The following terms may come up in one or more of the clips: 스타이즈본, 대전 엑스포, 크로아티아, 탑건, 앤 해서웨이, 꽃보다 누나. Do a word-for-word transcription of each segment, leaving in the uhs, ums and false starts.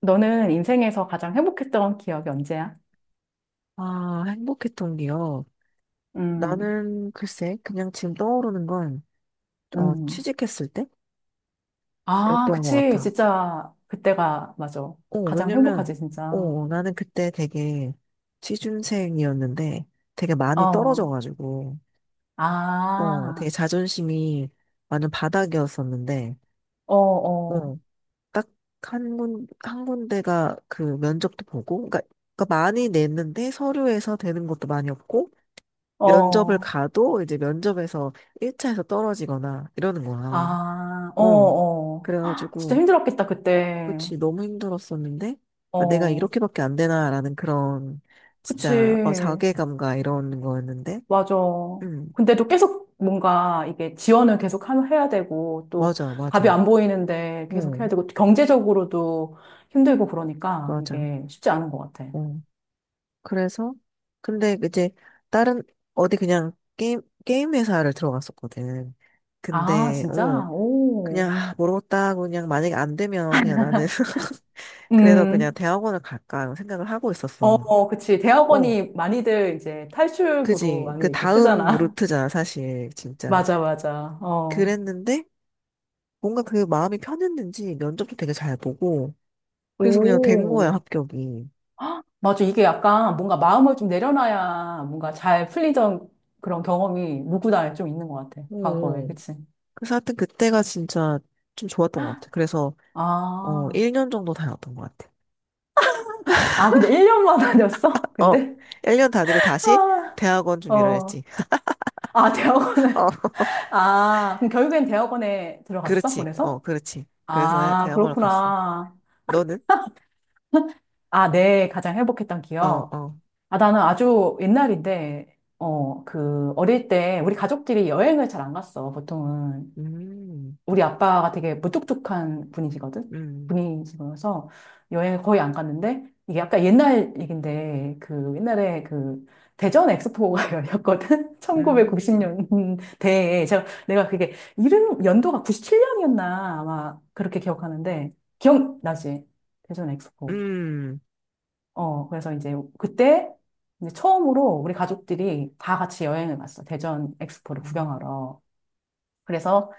너는 인생에서 가장 행복했던 기억이 언제야? 아, 행복했던 기억. 음, 나는 글쎄, 그냥 지금 떠오르는 건, 어, 음. 취직했을 아, 때였던 것 그치. 같아. 진짜 그때가 맞아. 어, 가장 왜냐면, 행복하지, 진짜. 어, 나는 그때 되게 취준생이었는데 되게 많이 어, 떨어져가지고, 어, 되게 아, 자존심이 완전 바닥이었었는데, 어, 어, 어, 딱 한 군, 한 군데가 그 면접도 보고, 그러니까, 그러니까 많이 냈는데 서류에서 되는 것도 많이 없고, 면접을 어, 가도 이제 면접에서 일 차에서 떨어지거나 이러는 거야. 아, 어, 어. 어. 헉, 진짜 그래가지고, 힘들었겠다, 그때. 그치, 너무 힘들었었는데, 아, 내가 어, 이렇게밖에 안 되나라는 그런, 진짜, 어, 그치. 자괴감과 이런 거였는데, 맞아. 음, 근데도 계속 뭔가 이게 지원을 계속 하면 해야 되고 또 맞아, 답이 맞아. 안 보이는데 계속 어, 해야 되고 또 경제적으로도 힘들고 그러니까 맞아. 이게 쉽지 않은 것 같아. 어. 그래서, 근데 이제, 다른, 어디 그냥 게임, 게임 회사를 들어갔었거든. 아, 근데, 어, 진짜? 그냥, 오. 아, 모르겠다. 그냥 만약에 안 되면 그냥 나는, 그래서 그냥 음. 대학원을 갈까 생각을 하고 어, 있었어. 어, 그치. 어, 대학원이 많이들 이제 탈출구로 그지. 그 많이 이렇게 다음 쓰잖아. 루트잖아, 사실. 진짜. 맞아, 맞아. 어. 그랬는데, 뭔가 그 마음이 편했는지 면접도 되게 잘 보고, 그래서 그냥 된 거야, 오. 합격이. 맞아. 이게 약간 뭔가 마음을 좀 내려놔야 뭔가 잘 풀리던 그런 경험이 누구나 좀 있는 것 같아. 어. 과거에. 어. 그치? 그래서 하여튼 그때가 진짜 좀 좋았던 것 같아. 그래서, 어, 아, 일 년 정도 다녔던 것 같아. 아, 근데 일 년만 다녔어? 어, 근데? 일 년 다니고 다시 대학원 아, 준비를 어. 했지. 아, 어, 대학원에. 아, 그럼 결국엔 대학원에 들어갔어? 그렇지. 어, 그래서? 그렇지. 그래서 아, 대학원을 갔어. 그렇구나. 너는? 아, 네, 가장 행복했던 어, 기억. 어. 아, 나는 아주 옛날인데, 어, 그, 어릴 때 우리 가족들이 여행을 잘 안 갔어, 보통은. 음, 우리 아빠가 되게 무뚝뚝한 분이시거든? 음, 분이시면서 여행을 거의 안 갔는데, 이게 약간 옛날 얘긴데, 그 옛날에 그 대전 엑스포가 열렸거든? 음. 천구백구십 년대에. 제가, 내가 그게 이름, 연도가 구십칠 년이었나 아마 그렇게 기억하는데, 기억나지? 대전 엑스포. 음. 어, 그래서 이제 그때 이제 처음으로 우리 가족들이 다 같이 여행을 갔어. 대전 엑스포를 음, 구경하러. 그래서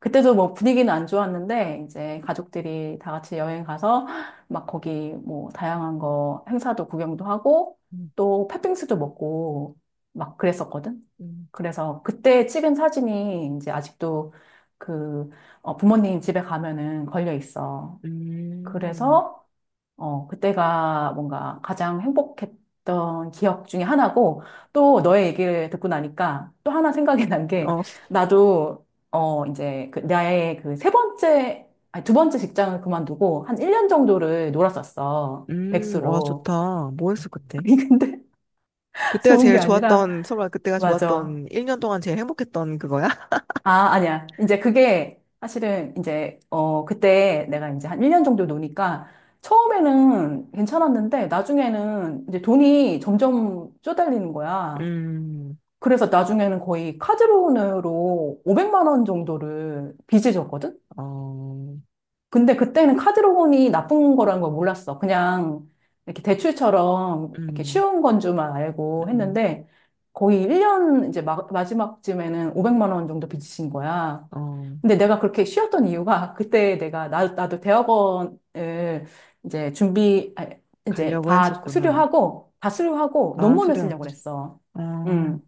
그때도 뭐 분위기는 안 좋았는데 이제 가족들이 다 같이 여행 가서 막 거기 뭐 다양한 거 행사도 구경도 하고 음, 또 팥빙수도 먹고 막 그랬었거든. 음. 그래서 그때 찍은 사진이 이제 아직도 그 어, 부모님 집에 가면은 걸려 있어. 음. 그래서 어, 그때가 뭔가 가장 행복했던 기억 중에 하나고, 또 너의 얘기를 듣고 나니까 또 하나 생각이 난 게, 어. 나도, 어, 이제, 그, 나의 그 세 번째, 아니, 두 번째 직장을 그만두고 한 일 년 정도를 놀았었어. 음. 와, 백수로. 좋다. 뭐 했어 그때? 아니, 근데 그때가 좋은 게 제일 아니라, 좋았던 설마 그때가 맞아. 좋았던 일 년 동안 제일 행복했던 그거야? 아, 아니야. 이제 그게 사실은 이제, 어, 그때 내가 이제 한 일 년 정도 노니까 처음에는 괜찮았는데 나중에는 이제 돈이 점점 쪼달리는 거야. 음. 그래서 나중에는 거의 카드론으로 오백만 원 정도를 빚을 졌거든? 어. 근데 그때는 카드론이 나쁜 거라는 걸 몰랐어. 그냥 이렇게 대출처럼 이렇게 음. 쉬운 건 줄만 알고 음. 했는데 거의 일 년 이제 마, 마지막쯤에는 오백만 원 정도 빚진 거야. 어. 근데 내가 그렇게 쉬었던 이유가 그때 내가 나, 나도 대학원을 이제 준비, 아, 이제 가려고 다 했었구나. 수료하고, 다 수료하고 아, 논문을 수련. 쓰려고 그랬어. 아. 음.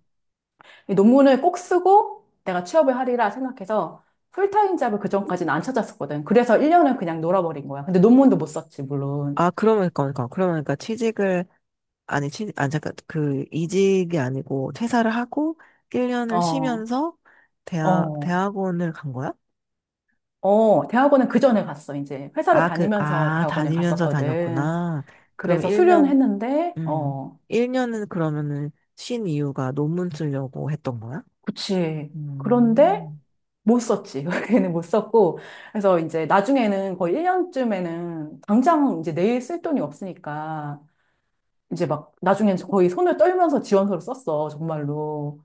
이 논문을 꼭 쓰고 내가 취업을 하리라 생각해서 풀타임 잡을 그전까지는 안 찾았었거든. 그래서 일 년을 그냥 놀아버린 거야. 근데 논문도 못 썼지, 물론. 아, 그러면 그러니까 그러면 그러니까 취직을, 아니, 취, 아 잠깐, 그, 이직이 아니고, 퇴사를 하고, 일 년을 어, 쉬면서, 대학, 어, 대학원을 간 거야? 어. 대학원은 그 전에 갔어, 이제. 회사를 아, 그, 다니면서 아, 대학원에 다니면서 갔었거든. 다녔구나. 그럼 그래서 수료는 일 년, 했는데, 음, 어, 일 년은 그러면은 쉰 이유가 논문 쓰려고 했던 거야? 그치. 그런데 음, 못 썼지. 그때는 못 썼고. 그래서 이제 나중에는 거의 일 년쯤에는 당장 이제 내일 쓸 돈이 없으니까 이제 막 나중엔 거의 손을 떨면서 지원서를 썼어. 정말로.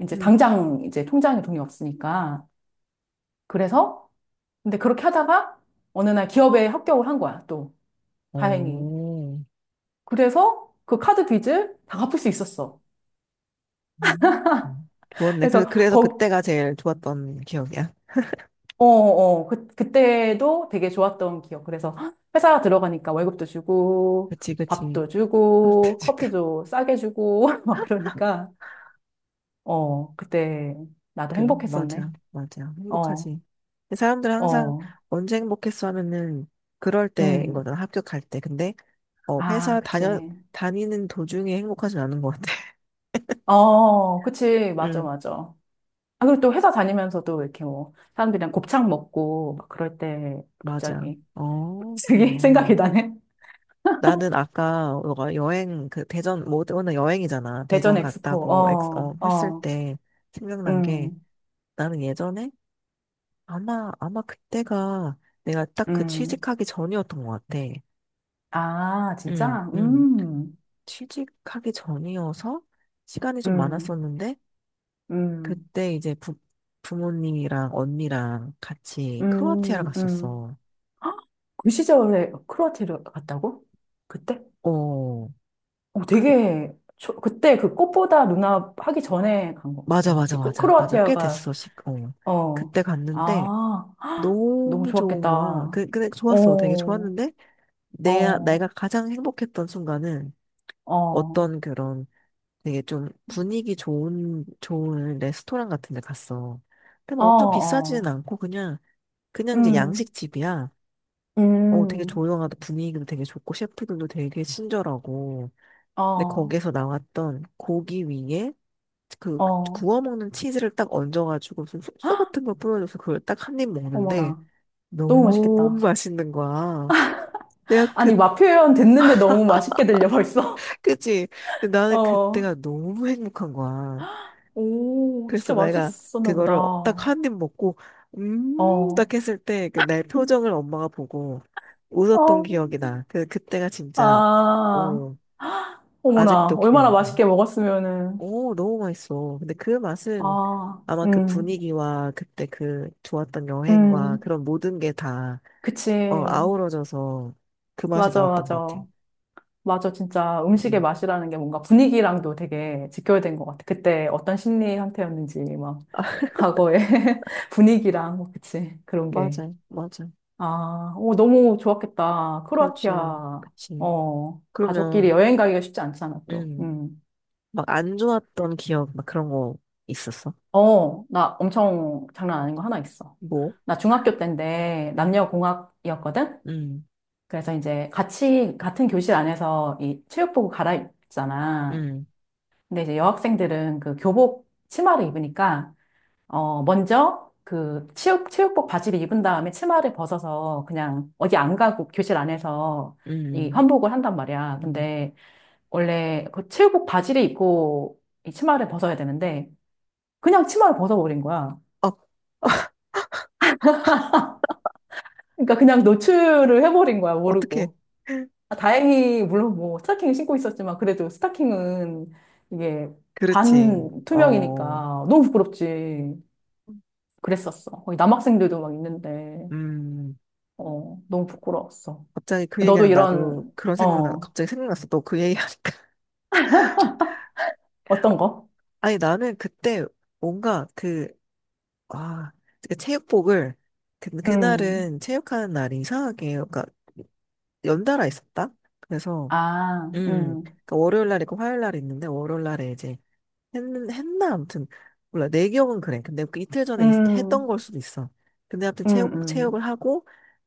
이제 음, 당장 이제 통장에 돈이 없으니까. 그래서 근데 그렇게 하다가 어느 날 기업에 합격을 한 거야. 또 다행히. 오, 그래서 그 카드 빚을 다 갚을 수 있었어. 음. 좋았네. 그래서, 그래서 그래서 거, 그때가 제일 좋았던 기억이야. 어, 어, 그, 그때도 되게 좋았던 기억. 그래서 회사 들어가니까 월급도 주고, 그치, 그치. 밥도 주고, 지금. 커피도 싸게 주고, 막 그러니까, 어, 그때 나도 그래, 행복했었네. 맞아, 맞아. 어, 행복하지. 근데 사람들은 항상 어, 언제 행복했어 하면은 그럴 때인 음. 거잖아, 합격할 때. 근데, 어, 아, 회사 다녀, 그치. 다니는 도중에 행복하진 않은 것 같아. 어, 그치. 맞아, 응. 맞아. 아, 그리고 또 회사 다니면서도 이렇게 뭐, 사람들이랑 곱창 먹고, 막 그럴 때 맞아. 갑자기, 어, 갑자기 생각이 그러네. 나네. 나는 아까 너가 여행, 그 대전, 뭐, 오늘 여행이잖아. 대전 대전 엑스포, 갔다고 엑, 어, 어, 했을 어, 때 생각난 게 음, 나는 예전에 아마, 아마 그때가 내가 딱 그 음. 취직하기 전이었던 것 같아. 아, 응, 진짜? 응. 음, 취직하기 전이어서 시간이 좀 음, 많았었는데 음, 그때 이제 부, 부모님이랑 언니랑 같이 크로아티아를 음, 음. 갔었어. 헉, 그 시절에 크로아티아를 갔다고? 그때? 어, 어, 그, 되게, 초, 그때 그 꽃보다 누나 하기 전에 간 거. 맞아, 아니, 맞아, 그치. 꽃, 맞아, 맞아. 꽤 크로아티아가, 됐어, 십, 어. 어, 그때 갔는데, 아, 헉, 너무 너무 좋은 좋았겠다. 거야. 어, 그, 근데 좋았어. 되게 어, 좋았는데, 내, 어, 내가 가장 행복했던 순간은 어떤 그런 되게 좀 분위기 좋은, 좋은 레스토랑 같은 데 갔어. 근데 어, 막 엄청 비싸지는 어, 않고, 그냥, 그냥 이제 음, 양식집이야. 어, 되게 음, 조용하다. 분위기도 되게 좋고, 셰프들도 되게 친절하고. 근데 어, 거기서 나왔던 고기 위에 그 어, 구워 먹는 치즈를 딱 얹어가지고 무슨 소스 같은 걸 뿌려줘서 그걸 딱 한 입 먹는데 어머나. 너무 너무 맛있겠다. 맛있는 거야. 내가 그 아니, 맛 표현 됐는데 너무 맛있게 들려, 벌써. 그치? 근데 나는 어. 그때가 너무 행복한 거야. 오, 그래서 진짜 내가 맛있었나 보다. 그거를 딱 어. 한 입 먹고 음 어. 딱 했을 때 그 내 표정을 엄마가 보고 웃었던 기억이 나. 그 그때가 진짜 아, 어 어머나. 아직도 얼마나 기억. 맛있게 먹었으면은. 오, 너무 맛있어. 근데 그 맛은 아, 아마 그 음, 분위기와 그때 그 좋았던 여행과 음. 그런 모든 게 다, 어, 그치. 아우러져서 그 맛이 맞아, 나왔던 것 같아. 맞아. 맞아, 진짜 음식의 음. 맛이라는 게 뭔가 분위기랑도 되게 직결된 것 같아. 그때 어떤 심리 상태였는지, 막, 과거의 분위기랑, 뭐, 그치. 그런 게. 맞아, 맞아. 아, 오, 너무 좋았겠다. 그렇지, 크로아티아, 그치. 어, 가족끼리 그러면, 여행 가기가 쉽지 않잖아, 또. 음, 음. 막 안 좋았던 기억, 막 그런 거 있었어? 어, 나 엄청 장난 아닌 거 하나 있어. 뭐? 나 중학교 때인데 음, 남녀공학이었거든? 음, 그래서 이제 같이, 같은 교실 안에서 이 체육복을 갈아입잖아. 음, 근데 이제 여학생들은 그 교복 치마를 입으니까, 어, 먼저 그 체육, 체육복 바지를 입은 다음에 치마를 벗어서 그냥 어디 안 가고 교실 안에서 이 음, 환복을 한단 말이야. 음. 근데 원래 그 체육복 바지를 입고 이 치마를 벗어야 되는데 그냥 치마를 벗어버린 거야. 어, 그러니까 그냥 노출을 해버린 거야, 어떻게? 모르고. 아, 다행히 물론 뭐 스타킹을 신고 있었지만 그래도 스타킹은 이게 그렇지. 반 투명이니까 어, 너무 부끄럽지. 그랬었어. 거기 남학생들도 막 있는데 음. 어 너무 부끄러웠어. 갑자기 그 얘기 너도 하 나도 이런 그런 생각나, 어 갑자기 생각났어. 너 그 얘기 어떤 거? 아니, 나는 그때 뭔가 그, 아, 그 체육복을, 그, 음. 그날은 체육하는 날이 이상하게, 그러니까 연달아 있었다? 그래서, 아, 음, 음. 그러니까 월요일 날 있고 화요일 날 있는데, 월요일 날에 이제 했, 했나? 아무튼, 몰라. 내 기억은 그래. 근데 그 이틀 전에 있- 했던 음. 걸 수도 있어. 근데 아무튼 음. 체육, 체육을 음. 하고,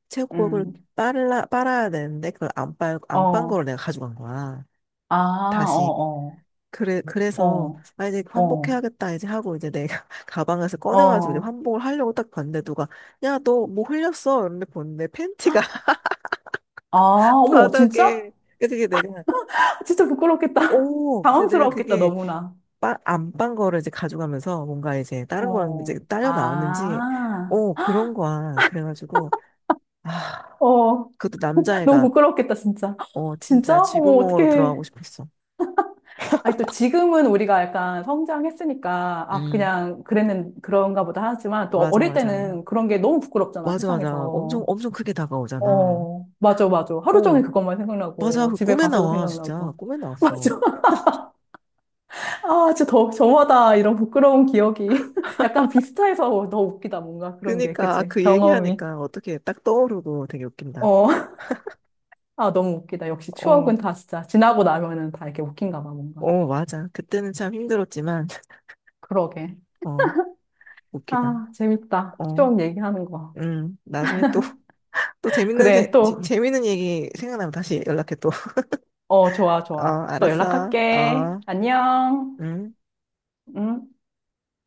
체육복을 음. 빨라, 빨아야 되는데, 그걸 안 빨, 안빤 어. 거를 내가 가져간 거야. 아, 다시 어, 그래, 어, 그래서, 어, 아, 이제 어, 환복해야겠다, 이제 하고, 이제 내가 가방에서 꺼내가지고 이제 어. 환복을 하려고 딱 봤는데, 누가, 야, 너 뭐 흘렸어? 이러는데 보는데, 팬티가 아, 어머, 진짜? 바닥에. 그래서 게 내가, 진짜 부끄럽겠다. 오! 근데 내가 당황스러웠겠다, 그게, 너무나. 빠, 안빤 거를 이제 가져가면서, 뭔가 이제, 다른 거랑 어, 이제 딸려 나왔는지, 아, 오, 그런 거야. 그래가지고, 아, 어, 그것도 너무 남자애가, 부끄럽겠다, 진짜. 어, 진짜? 진짜 어머, 쥐구멍으로 들어가고 어떡해. 싶었어. 아니, 또 지금은 우리가 약간 성장했으니까, 아, 음. 그냥 그랬는, 그런가 보다 하지만, 또 맞아, 어릴 맞아. 때는 그런 게 너무 부끄럽잖아, 맞아, 맞아. 엄청, 세상에서. 엄청 크게 다가오잖아. 어, 맞아, 맞아. 하루 어, 종일 그것만 맞아. 생각나고, 그 집에 꿈에 가서도 나와. 진짜. 생각나고. 꿈에 나왔어. 맞아. 아, 진짜 더, 저마다 이런 부끄러운 기억이 약간 비슷해서 더 웃기다, 뭔가 그런 게, 그니까, 아, 그치? 그 경험이. 얘기하니까 어떻게 딱 떠오르고 되게 웃긴다. 어, 아, 너무 웃기다. 역시 어, 추억은 다 진짜 지나고 나면은 다 이렇게 웃긴가 봐, 뭔가. 어, 맞아. 그때는 참 힘들었지만, 그러게. 어, 웃기다. 아, 재밌다. 어, 추억 얘기하는 거. 음, 나중에 또, 또 재밌는, 세, 그래, 재- 또, 재밌는 얘기 생각나면 다시 연락해 또. 어, 좋아, 어, 좋아. 또 알았어. 연락할게. 어, 안녕. 음. 응?